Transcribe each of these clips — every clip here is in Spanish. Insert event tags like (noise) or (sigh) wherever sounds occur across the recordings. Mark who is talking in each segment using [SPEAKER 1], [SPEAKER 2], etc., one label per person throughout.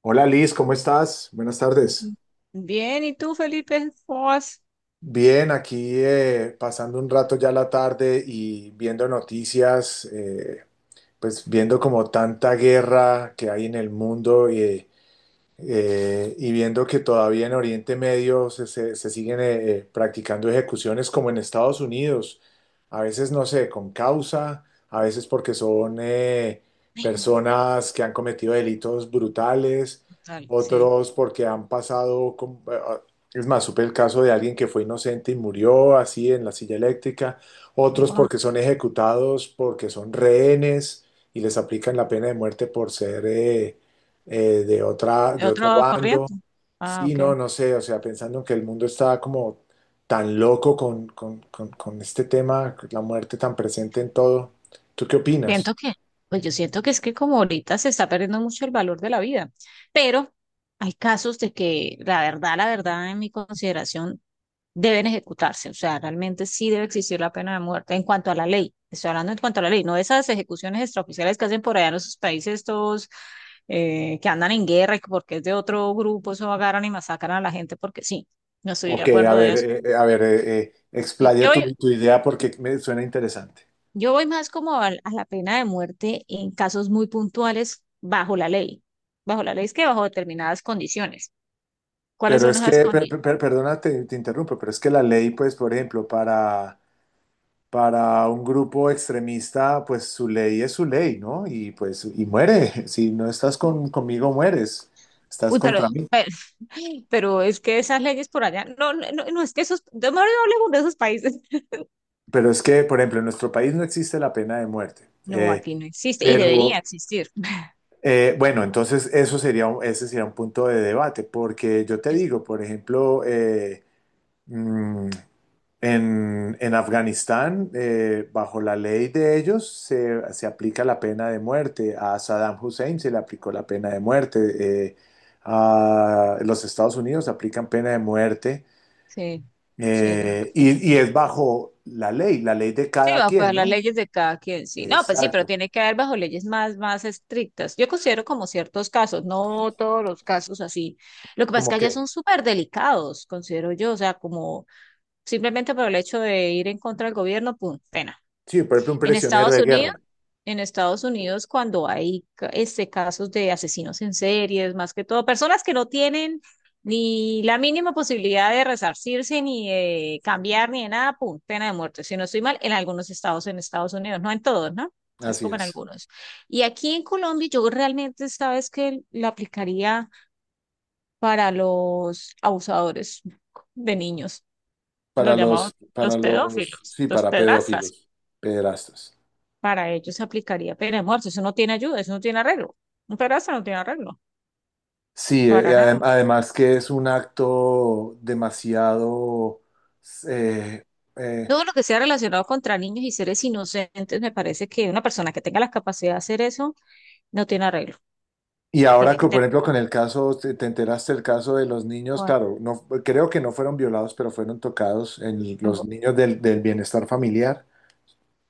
[SPEAKER 1] Hola Liz, ¿cómo estás? Buenas tardes.
[SPEAKER 2] Bien, ¿y tú, Felipe? ¿Cómo vas?
[SPEAKER 1] Bien, aquí pasando un rato ya la tarde y viendo noticias, pues viendo como tanta guerra que hay en el mundo y viendo que todavía en Oriente Medio se siguen practicando ejecuciones como en Estados Unidos. A veces no sé, con causa. A veces porque son
[SPEAKER 2] Ay, no,
[SPEAKER 1] personas que han cometido delitos brutales.
[SPEAKER 2] total, sí.
[SPEAKER 1] Otros porque han pasado, es más, supe el caso de alguien que fue inocente y murió así en la silla eléctrica. Otros
[SPEAKER 2] Wow.
[SPEAKER 1] porque son ejecutados porque son rehenes y les aplican la pena de muerte por ser... eh, eh, de otra,
[SPEAKER 2] ¿De
[SPEAKER 1] de otro
[SPEAKER 2] otra
[SPEAKER 1] bando.
[SPEAKER 2] corriente? Ah,
[SPEAKER 1] Sí,
[SPEAKER 2] ok.
[SPEAKER 1] no, no sé, o sea, pensando en que el mundo está como tan loco con este tema, la muerte tan presente en todo. ¿Tú qué opinas?
[SPEAKER 2] Siento que, pues yo siento que es que como ahorita se está perdiendo mucho el valor de la vida, pero hay casos de que la verdad, en mi consideración, deben ejecutarse. O sea, realmente sí debe existir la pena de muerte en cuanto a la ley. Estoy hablando en cuanto a la ley, no esas ejecuciones extraoficiales que hacen por allá en esos países estos que andan en guerra y que porque es de otro grupo, eso agarran y masacran a la gente porque sí, no estoy de
[SPEAKER 1] Ok, a
[SPEAKER 2] acuerdo de
[SPEAKER 1] ver,
[SPEAKER 2] eso.
[SPEAKER 1] eh, eh, a ver, eh, eh,
[SPEAKER 2] Yo,
[SPEAKER 1] explaya
[SPEAKER 2] yo
[SPEAKER 1] tu idea porque me suena interesante.
[SPEAKER 2] yo voy más como a la pena de muerte en casos muy puntuales bajo la ley. Bajo la ley es que bajo determinadas condiciones. ¿Cuáles
[SPEAKER 1] Pero
[SPEAKER 2] son
[SPEAKER 1] es
[SPEAKER 2] esas
[SPEAKER 1] que, per-
[SPEAKER 2] condiciones?
[SPEAKER 1] per- per- perdona, te interrumpo, pero es que la ley, pues, por ejemplo, para un grupo extremista, pues su ley es su ley, ¿no? Y pues, y muere. (laughs) Si no estás conmigo, mueres. Estás
[SPEAKER 2] Uy,
[SPEAKER 1] contra mí.
[SPEAKER 2] pero, (laughs) pero es que esas leyes por allá, no, no, no, no, es que esos, no, no hablemos de esos países. (laughs)
[SPEAKER 1] Pero es que, por ejemplo, en nuestro país no existe la pena de muerte.
[SPEAKER 2] No, aquí no existe y
[SPEAKER 1] Pero,
[SPEAKER 2] debería existir. (laughs)
[SPEAKER 1] bueno, entonces eso sería, ese sería un punto de debate, porque yo te
[SPEAKER 2] Es-
[SPEAKER 1] digo, por ejemplo, mm, en Afganistán, bajo la ley de ellos, se aplica la pena de muerte. A Saddam Hussein se le aplicó la pena de muerte. eh, a los Estados Unidos aplican pena de muerte.
[SPEAKER 2] Sí, sí, es verdad.
[SPEAKER 1] Y es bajo la ley de
[SPEAKER 2] Sí,
[SPEAKER 1] cada
[SPEAKER 2] va, pues
[SPEAKER 1] quien,
[SPEAKER 2] las
[SPEAKER 1] ¿no?
[SPEAKER 2] leyes de cada quien, sí. No, pues sí, pero
[SPEAKER 1] Exacto.
[SPEAKER 2] tiene que haber bajo leyes más, más estrictas. Yo considero como ciertos casos, no todos los casos así. Lo que pasa es
[SPEAKER 1] Como
[SPEAKER 2] que
[SPEAKER 1] que,
[SPEAKER 2] allá son súper delicados, considero yo, o sea, como simplemente por el hecho de ir en contra del gobierno, pum, pena.
[SPEAKER 1] sí, por ejemplo, un
[SPEAKER 2] En
[SPEAKER 1] prisionero
[SPEAKER 2] Estados
[SPEAKER 1] de
[SPEAKER 2] Unidos,
[SPEAKER 1] guerra.
[SPEAKER 2] en Estados Unidos cuando hay casos de asesinos en series, más que todo, personas que no tienen ni la mínima posibilidad de resarcirse, ni de cambiar, ni de nada, pum, pena de muerte. Si no estoy mal, en algunos estados en Estados Unidos, no en todos, ¿no? Es
[SPEAKER 1] Así
[SPEAKER 2] como en
[SPEAKER 1] es.
[SPEAKER 2] algunos. Y aquí en Colombia, yo realmente, sabes que la aplicaría para los abusadores de niños, los llamamos
[SPEAKER 1] Para
[SPEAKER 2] los
[SPEAKER 1] los,
[SPEAKER 2] pedófilos,
[SPEAKER 1] sí,
[SPEAKER 2] los
[SPEAKER 1] para
[SPEAKER 2] pedrastras
[SPEAKER 1] pedófilos, pederastas.
[SPEAKER 2] para ellos se aplicaría pena de muerte. Eso no tiene ayuda, eso no tiene arreglo. Un pedazo no tiene arreglo,
[SPEAKER 1] Sí,
[SPEAKER 2] para nada.
[SPEAKER 1] además que es un acto demasiado... eh, eh,
[SPEAKER 2] Todo lo que sea relacionado contra niños y seres inocentes, me parece que una persona que tenga la capacidad de hacer eso no tiene arreglo.
[SPEAKER 1] y ahora,
[SPEAKER 2] Tiene que
[SPEAKER 1] que, por
[SPEAKER 2] tener.
[SPEAKER 1] ejemplo, con el caso, te enteraste del caso de los niños,
[SPEAKER 2] Bueno,
[SPEAKER 1] claro, no, creo que no fueron violados, pero fueron tocados en
[SPEAKER 2] en
[SPEAKER 1] los
[SPEAKER 2] Bo-
[SPEAKER 1] niños del bienestar familiar.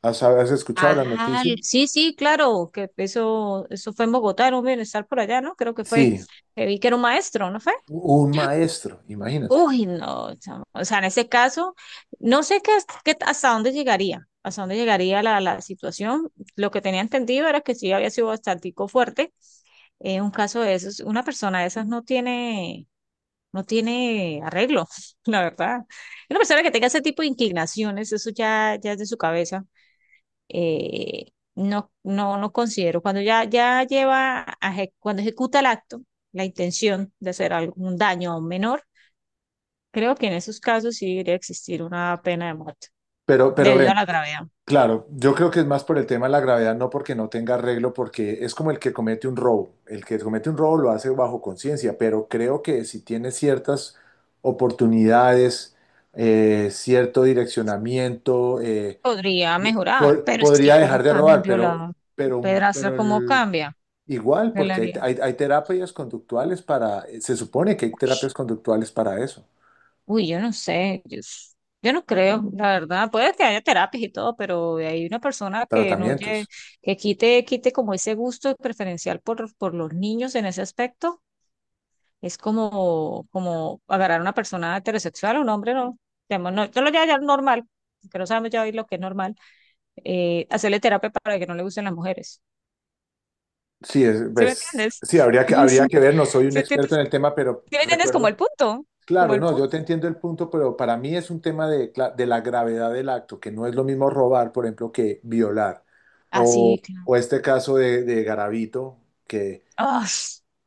[SPEAKER 1] ¿Has escuchado la
[SPEAKER 2] ah,
[SPEAKER 1] noticia?
[SPEAKER 2] sí, sí, claro, que eso fue en Bogotá, era un bienestar por allá, ¿no? Creo que fue,
[SPEAKER 1] Sí,
[SPEAKER 2] que vi que era un maestro, ¿no fue?
[SPEAKER 1] un maestro, imagínate.
[SPEAKER 2] Uy, no, chamo. O sea, en ese caso, no sé qué, hasta dónde llegaría la, la situación. Lo que tenía entendido era que sí había sido bastante fuerte. Un caso de esos, una persona de esas no tiene, no tiene arreglo, (laughs) la verdad. Una persona que tenga ese tipo de inclinaciones, eso ya, ya es de su cabeza. No, no, no considero. Cuando ya, cuando ejecuta el acto, la intención de hacer algún daño a un menor. Creo que en esos casos sí debería existir una pena de muerte
[SPEAKER 1] Pero
[SPEAKER 2] debido a
[SPEAKER 1] ven,
[SPEAKER 2] la gravedad.
[SPEAKER 1] claro, yo creo que es más por el tema de la gravedad, no porque no tenga arreglo, porque es como el que comete un robo. El que comete un robo lo hace bajo conciencia, pero creo que si tiene ciertas oportunidades, cierto direccionamiento,
[SPEAKER 2] Podría
[SPEAKER 1] di-
[SPEAKER 2] mejorar,
[SPEAKER 1] po-
[SPEAKER 2] pero es que
[SPEAKER 1] podría
[SPEAKER 2] cómo
[SPEAKER 1] dejar de
[SPEAKER 2] cambia un
[SPEAKER 1] robar, pero,
[SPEAKER 2] violador, un
[SPEAKER 1] pero,
[SPEAKER 2] pedrastra,
[SPEAKER 1] pero
[SPEAKER 2] cómo
[SPEAKER 1] el-
[SPEAKER 2] cambia,
[SPEAKER 1] igual,
[SPEAKER 2] ¿qué le
[SPEAKER 1] porque hay,
[SPEAKER 2] haría?
[SPEAKER 1] hay- hay terapias conductuales para, se supone que hay
[SPEAKER 2] Uy,
[SPEAKER 1] terapias conductuales para eso,
[SPEAKER 2] uy, yo no sé, yo no creo, la verdad, puede que haya terapias y todo, pero hay una persona que no lle-
[SPEAKER 1] tratamientos.
[SPEAKER 2] que quite, quite como ese gusto preferencial por los niños en ese aspecto, es como, como agarrar a una persona heterosexual, un hombre, no, digamos, no, yo lo llamo ya normal, que no sabemos ya hoy lo que es normal, hacerle terapia para que no le gusten las mujeres.
[SPEAKER 1] Sí,
[SPEAKER 2] ¿Sí me
[SPEAKER 1] pues,
[SPEAKER 2] entiendes? (laughs)
[SPEAKER 1] sí, habría
[SPEAKER 2] Sí,
[SPEAKER 1] que ver, no soy un
[SPEAKER 2] ¿sí
[SPEAKER 1] experto
[SPEAKER 2] entiendes?
[SPEAKER 1] en el tema, pero
[SPEAKER 2] ¿Sí me entiendes como el
[SPEAKER 1] recuerdo,
[SPEAKER 2] punto, como
[SPEAKER 1] claro,
[SPEAKER 2] el
[SPEAKER 1] no,
[SPEAKER 2] punto?
[SPEAKER 1] yo te entiendo el punto, pero para mí es un tema de, de la gravedad del acto, que no es lo mismo robar, por ejemplo, que violar,
[SPEAKER 2] Así, claro.
[SPEAKER 1] o este caso de Garavito, que
[SPEAKER 2] Ah,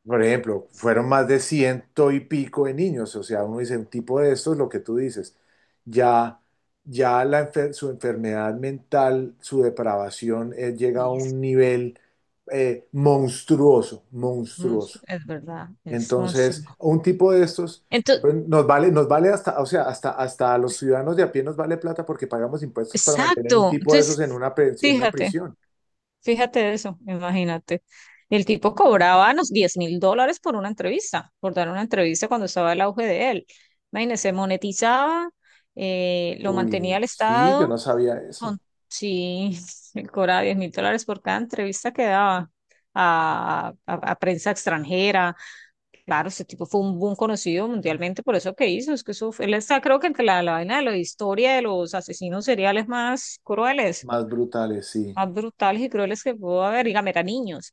[SPEAKER 1] por ejemplo, fueron más de ciento y pico de niños, o sea, uno dice, un tipo de estos, lo que tú dices, ya, ya su enfermedad mental, su depravación, llega a
[SPEAKER 2] y es,
[SPEAKER 1] un nivel monstruoso,
[SPEAKER 2] monstruo,
[SPEAKER 1] monstruoso.
[SPEAKER 2] es verdad, es
[SPEAKER 1] Entonces,
[SPEAKER 2] monstruo.
[SPEAKER 1] un tipo de estos,
[SPEAKER 2] Entonces,
[SPEAKER 1] pues, nos vale hasta, o sea, hasta, hasta a los ciudadanos de a pie nos vale plata porque pagamos impuestos para mantener un
[SPEAKER 2] exacto.
[SPEAKER 1] tipo de esos en
[SPEAKER 2] Entonces,
[SPEAKER 1] en una
[SPEAKER 2] fíjate,
[SPEAKER 1] prisión.
[SPEAKER 2] fíjate eso, imagínate. El tipo cobraba unos 10.000 dólares por una entrevista, por dar una entrevista cuando estaba el auge de él. Imagínese, monetizaba, lo mantenía
[SPEAKER 1] Uy,
[SPEAKER 2] el
[SPEAKER 1] sí, yo no
[SPEAKER 2] Estado.
[SPEAKER 1] sabía eso.
[SPEAKER 2] Con- Sí, (laughs) cobraba 10.000 dólares por cada entrevista que daba a, a prensa extranjera. Claro, ese tipo fue un boom conocido mundialmente por eso que hizo. Es que él está, creo que entre la, la vaina de la historia de los asesinos seriales más crueles,
[SPEAKER 1] Más brutales, sí.
[SPEAKER 2] más brutales y crueles que pudo haber. Dígame, eran niños.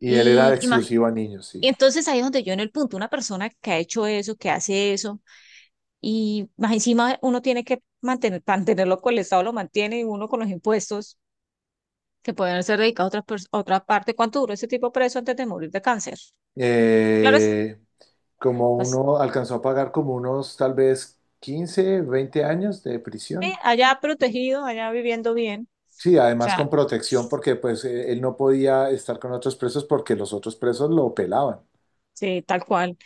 [SPEAKER 1] Y él era
[SPEAKER 2] Y, y, más-
[SPEAKER 1] exclusivo a niños,
[SPEAKER 2] y
[SPEAKER 1] sí.
[SPEAKER 2] entonces ahí es donde yo en el punto, una persona que ha hecho eso, que hace eso, y más encima uno tiene que mantener, mantenerlo con el Estado, lo mantiene y uno con los impuestos que pueden ser dedicados a otra parte. ¿Cuánto duró ese tipo preso antes de morir de cáncer? Claro, es
[SPEAKER 1] Eh, Como
[SPEAKER 2] así,
[SPEAKER 1] uno alcanzó a pagar como unos tal vez 15, 20 años de prisión.
[SPEAKER 2] allá protegido, allá viviendo bien,
[SPEAKER 1] Sí,
[SPEAKER 2] o
[SPEAKER 1] además
[SPEAKER 2] sea,
[SPEAKER 1] con protección porque pues él no podía estar con otros presos porque los otros presos lo pelaban.
[SPEAKER 2] sí, tal cual.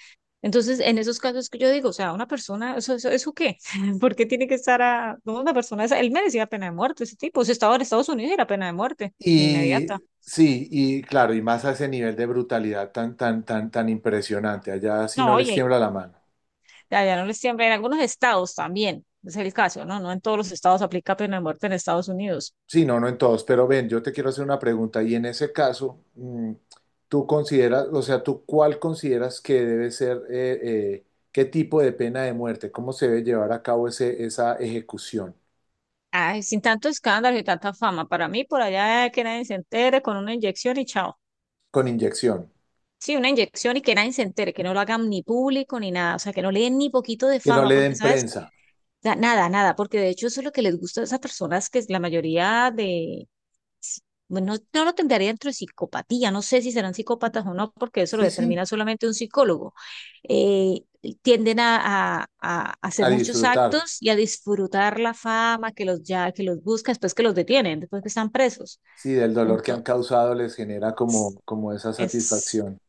[SPEAKER 2] Entonces, en esos casos que yo digo, o sea, una persona, ¿eso, eso, eso qué? (laughs) ¿Por qué tiene que estar a, no, una persona, él merecía pena de muerte, ese tipo, si estaba en Estados Unidos era pena de muerte
[SPEAKER 1] Y
[SPEAKER 2] inmediata.
[SPEAKER 1] sí, y claro, y más a ese nivel de brutalidad tan impresionante. Allá sí
[SPEAKER 2] No,
[SPEAKER 1] no les
[SPEAKER 2] oye,
[SPEAKER 1] tiembla la mano.
[SPEAKER 2] allá no les siempre, en algunos estados también, es el caso, ¿no? No en todos los estados aplica pena de muerte en Estados Unidos.
[SPEAKER 1] Sí, no, no en todos, pero ven, yo te quiero hacer una pregunta y en ese caso, tú consideras, o sea, tú cuál consideras que debe ser, qué tipo de pena de muerte, cómo se debe llevar a cabo esa ejecución
[SPEAKER 2] Ay, sin tanto escándalo y tanta fama. Para mí, por allá que nadie se entere con una inyección y chao.
[SPEAKER 1] con inyección,
[SPEAKER 2] Sí, una inyección y que nadie se entere, que no lo hagan ni público ni nada, o sea, que no le den ni poquito de
[SPEAKER 1] que no
[SPEAKER 2] fama,
[SPEAKER 1] le
[SPEAKER 2] porque,
[SPEAKER 1] den
[SPEAKER 2] ¿sabes?
[SPEAKER 1] prensa.
[SPEAKER 2] Nada, nada, porque de hecho eso es lo que les gusta a esas personas, que es la mayoría de, bueno, no lo tendría dentro de psicopatía, no sé si serán psicópatas o no, porque eso lo
[SPEAKER 1] Sí, sí,
[SPEAKER 2] determina solamente un psicólogo. Eh, Tienden a, a
[SPEAKER 1] a
[SPEAKER 2] hacer muchos
[SPEAKER 1] disfrutar,
[SPEAKER 2] actos y a disfrutar la fama que los ya, que los busca después que los detienen, después que están presos.
[SPEAKER 1] sí, del dolor que han
[SPEAKER 2] Entonces,
[SPEAKER 1] causado les genera como, como esa
[SPEAKER 2] es...
[SPEAKER 1] satisfacción.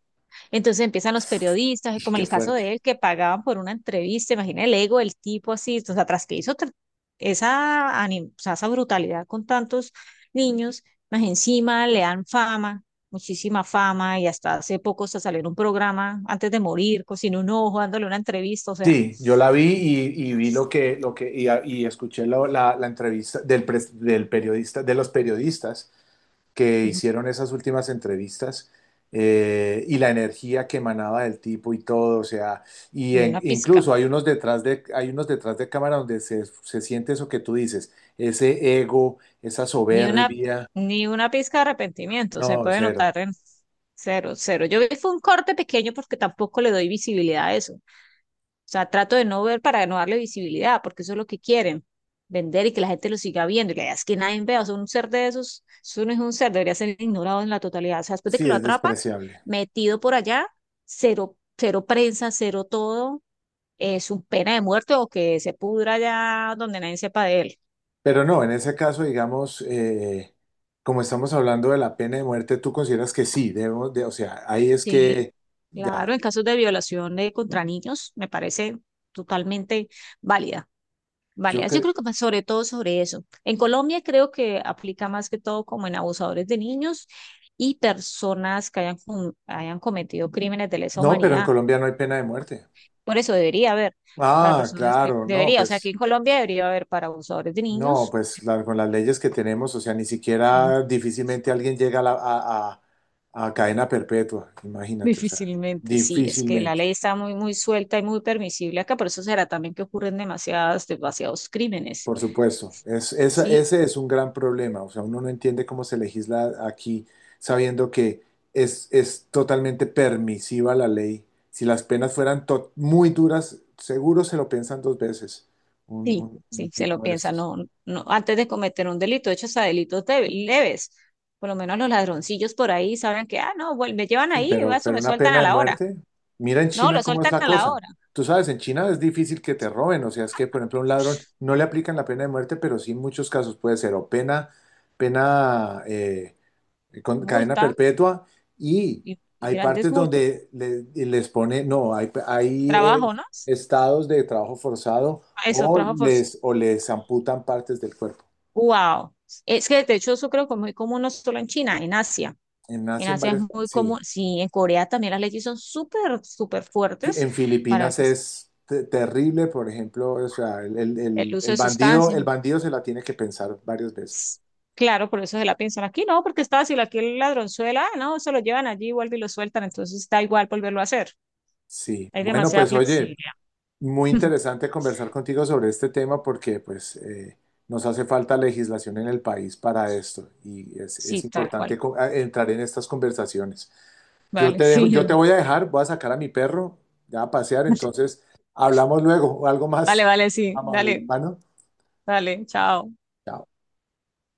[SPEAKER 2] Entonces empiezan los periodistas,
[SPEAKER 1] Y
[SPEAKER 2] como en
[SPEAKER 1] qué
[SPEAKER 2] el caso de
[SPEAKER 1] fuerte.
[SPEAKER 2] él, que pagaban por una entrevista, imagina el ego del tipo así, o sea, tras que hizo tr- esa, o sea, esa brutalidad con tantos niños, más encima le dan fama, muchísima fama, y hasta hace poco se salió en un programa, antes de morir, cocinó un ojo, dándole una entrevista, o sea,
[SPEAKER 1] Sí, yo la vi y vi lo que, y escuché la, la entrevista del, del periodista, de los periodistas que
[SPEAKER 2] ujú,
[SPEAKER 1] hicieron esas últimas entrevistas y la energía que emanaba del tipo y todo, o sea, y
[SPEAKER 2] ni una pizca.
[SPEAKER 1] incluso hay unos detrás de, cámara donde se siente eso que tú dices, ese ego, esa
[SPEAKER 2] Ni una,
[SPEAKER 1] soberbia,
[SPEAKER 2] ni una pizca de arrepentimiento se
[SPEAKER 1] no,
[SPEAKER 2] puede
[SPEAKER 1] cero,
[SPEAKER 2] notar en cero, cero. Yo vi fue un corte pequeño porque tampoco le doy visibilidad a eso. O sea, trato de no ver para no darle visibilidad, porque eso es lo que quieren, vender y que la gente lo siga viendo. Y la idea es que nadie vea, o sea, un ser de esos, eso no es un ser, debería ser ignorado en la totalidad. O sea, después de que
[SPEAKER 1] sí,
[SPEAKER 2] lo
[SPEAKER 1] es
[SPEAKER 2] atrapan,
[SPEAKER 1] despreciable.
[SPEAKER 2] metido por allá, cero, cero prensa, cero todo, es un pena de muerte o que se pudra allá donde nadie sepa de él.
[SPEAKER 1] Pero no, en ese caso, digamos, como estamos hablando de la pena de muerte, tú consideras que sí, debemos de, o sea, ahí es
[SPEAKER 2] Sí.
[SPEAKER 1] que, ya,
[SPEAKER 2] Claro, en casos de violación contra niños, me parece totalmente válida,
[SPEAKER 1] yo
[SPEAKER 2] válida. Yo
[SPEAKER 1] creo,
[SPEAKER 2] creo que más sobre todo sobre eso. En Colombia creo que aplica más que todo como en abusadores de niños y personas que hayan cometido crímenes de lesa
[SPEAKER 1] no, pero en
[SPEAKER 2] humanidad.
[SPEAKER 1] Colombia no hay pena de muerte.
[SPEAKER 2] Por eso debería haber para
[SPEAKER 1] Ah,
[SPEAKER 2] personas que
[SPEAKER 1] claro, no,
[SPEAKER 2] debería, o sea, aquí
[SPEAKER 1] pues
[SPEAKER 2] en Colombia debería haber para abusadores de
[SPEAKER 1] no,
[SPEAKER 2] niños.
[SPEAKER 1] pues con las leyes que tenemos, o sea, ni
[SPEAKER 2] Mm.
[SPEAKER 1] siquiera difícilmente alguien llega a, a cadena perpetua,
[SPEAKER 2] (laughs)
[SPEAKER 1] imagínate, o sea,
[SPEAKER 2] Difícilmente, sí, es que la
[SPEAKER 1] difícilmente,
[SPEAKER 2] ley está muy, muy suelta y muy permisible acá, por eso será también que ocurren demasiadas, demasiados crímenes.
[SPEAKER 1] por supuesto. Es, esa-
[SPEAKER 2] Sí.
[SPEAKER 1] ese es un gran problema, o sea, uno no entiende cómo se legisla aquí sabiendo que es totalmente permisiva la ley. Si las penas fueran muy duras, seguro se lo piensan dos veces un,
[SPEAKER 2] Sí,
[SPEAKER 1] un un
[SPEAKER 2] sí, se lo
[SPEAKER 1] tipo de
[SPEAKER 2] piensa,
[SPEAKER 1] estos.
[SPEAKER 2] no, no, antes de cometer un delito, de hecho, hasta leves, por lo menos los ladroncillos por ahí saben que, ah, no, me llevan
[SPEAKER 1] Sí,
[SPEAKER 2] ahí, eso
[SPEAKER 1] pero
[SPEAKER 2] me
[SPEAKER 1] una
[SPEAKER 2] sueltan
[SPEAKER 1] pena
[SPEAKER 2] a
[SPEAKER 1] de
[SPEAKER 2] la hora,
[SPEAKER 1] muerte. Mira en
[SPEAKER 2] no, lo
[SPEAKER 1] China cómo es
[SPEAKER 2] sueltan
[SPEAKER 1] la
[SPEAKER 2] a la
[SPEAKER 1] cosa.
[SPEAKER 2] hora,
[SPEAKER 1] Tú sabes, en China es difícil que te roben, o sea, es que, por ejemplo, a un ladrón
[SPEAKER 2] (sniffs)
[SPEAKER 1] no le aplican la pena de muerte, pero sí en muchos casos puede ser o pena con cadena
[SPEAKER 2] multa,
[SPEAKER 1] perpetua y
[SPEAKER 2] y
[SPEAKER 1] hay
[SPEAKER 2] grandes
[SPEAKER 1] partes
[SPEAKER 2] multas,
[SPEAKER 1] donde les pone, no, hay
[SPEAKER 2] trabajo, ¿no?
[SPEAKER 1] estados de trabajo forzado
[SPEAKER 2] Eso,
[SPEAKER 1] o
[SPEAKER 2] trabajo por,
[SPEAKER 1] les, o les amputan partes del cuerpo.
[SPEAKER 2] wow, es que de hecho eso creo que es muy común no solo en China,
[SPEAKER 1] En
[SPEAKER 2] en
[SPEAKER 1] Asia, en
[SPEAKER 2] Asia es
[SPEAKER 1] varias,
[SPEAKER 2] muy
[SPEAKER 1] sí.
[SPEAKER 2] común, sí, en Corea también las leyes son súper, súper fuertes
[SPEAKER 1] En
[SPEAKER 2] para
[SPEAKER 1] Filipinas es terrible, por ejemplo, o sea, el, el-
[SPEAKER 2] el
[SPEAKER 1] el-
[SPEAKER 2] uso
[SPEAKER 1] el
[SPEAKER 2] de
[SPEAKER 1] bandido,
[SPEAKER 2] sustancias,
[SPEAKER 1] el bandido se la tiene que pensar varias veces.
[SPEAKER 2] S- claro, por eso se la piensan aquí, no, porque es fácil, aquí el ladronzuela, ah, no, se lo llevan allí, vuelve y lo sueltan, entonces da igual volverlo a hacer.
[SPEAKER 1] Sí,
[SPEAKER 2] Hay
[SPEAKER 1] bueno,
[SPEAKER 2] demasiada
[SPEAKER 1] pues oye,
[SPEAKER 2] flexibilidad.
[SPEAKER 1] muy
[SPEAKER 2] (laughs)
[SPEAKER 1] interesante conversar contigo sobre este tema porque pues nos hace falta legislación en el país para esto y es
[SPEAKER 2] Sí, tal cual.
[SPEAKER 1] importante entrar en estas conversaciones. Yo
[SPEAKER 2] Vale,
[SPEAKER 1] te dejo,
[SPEAKER 2] (laughs)
[SPEAKER 1] yo
[SPEAKER 2] sí.
[SPEAKER 1] te voy a dejar, voy a sacar a mi perro ya a pasear, entonces hablamos luego, algo
[SPEAKER 2] Vale,
[SPEAKER 1] más
[SPEAKER 2] vale, sí.
[SPEAKER 1] amable,
[SPEAKER 2] Dale,
[SPEAKER 1] hermano.
[SPEAKER 2] dale, chao.
[SPEAKER 1] Chao.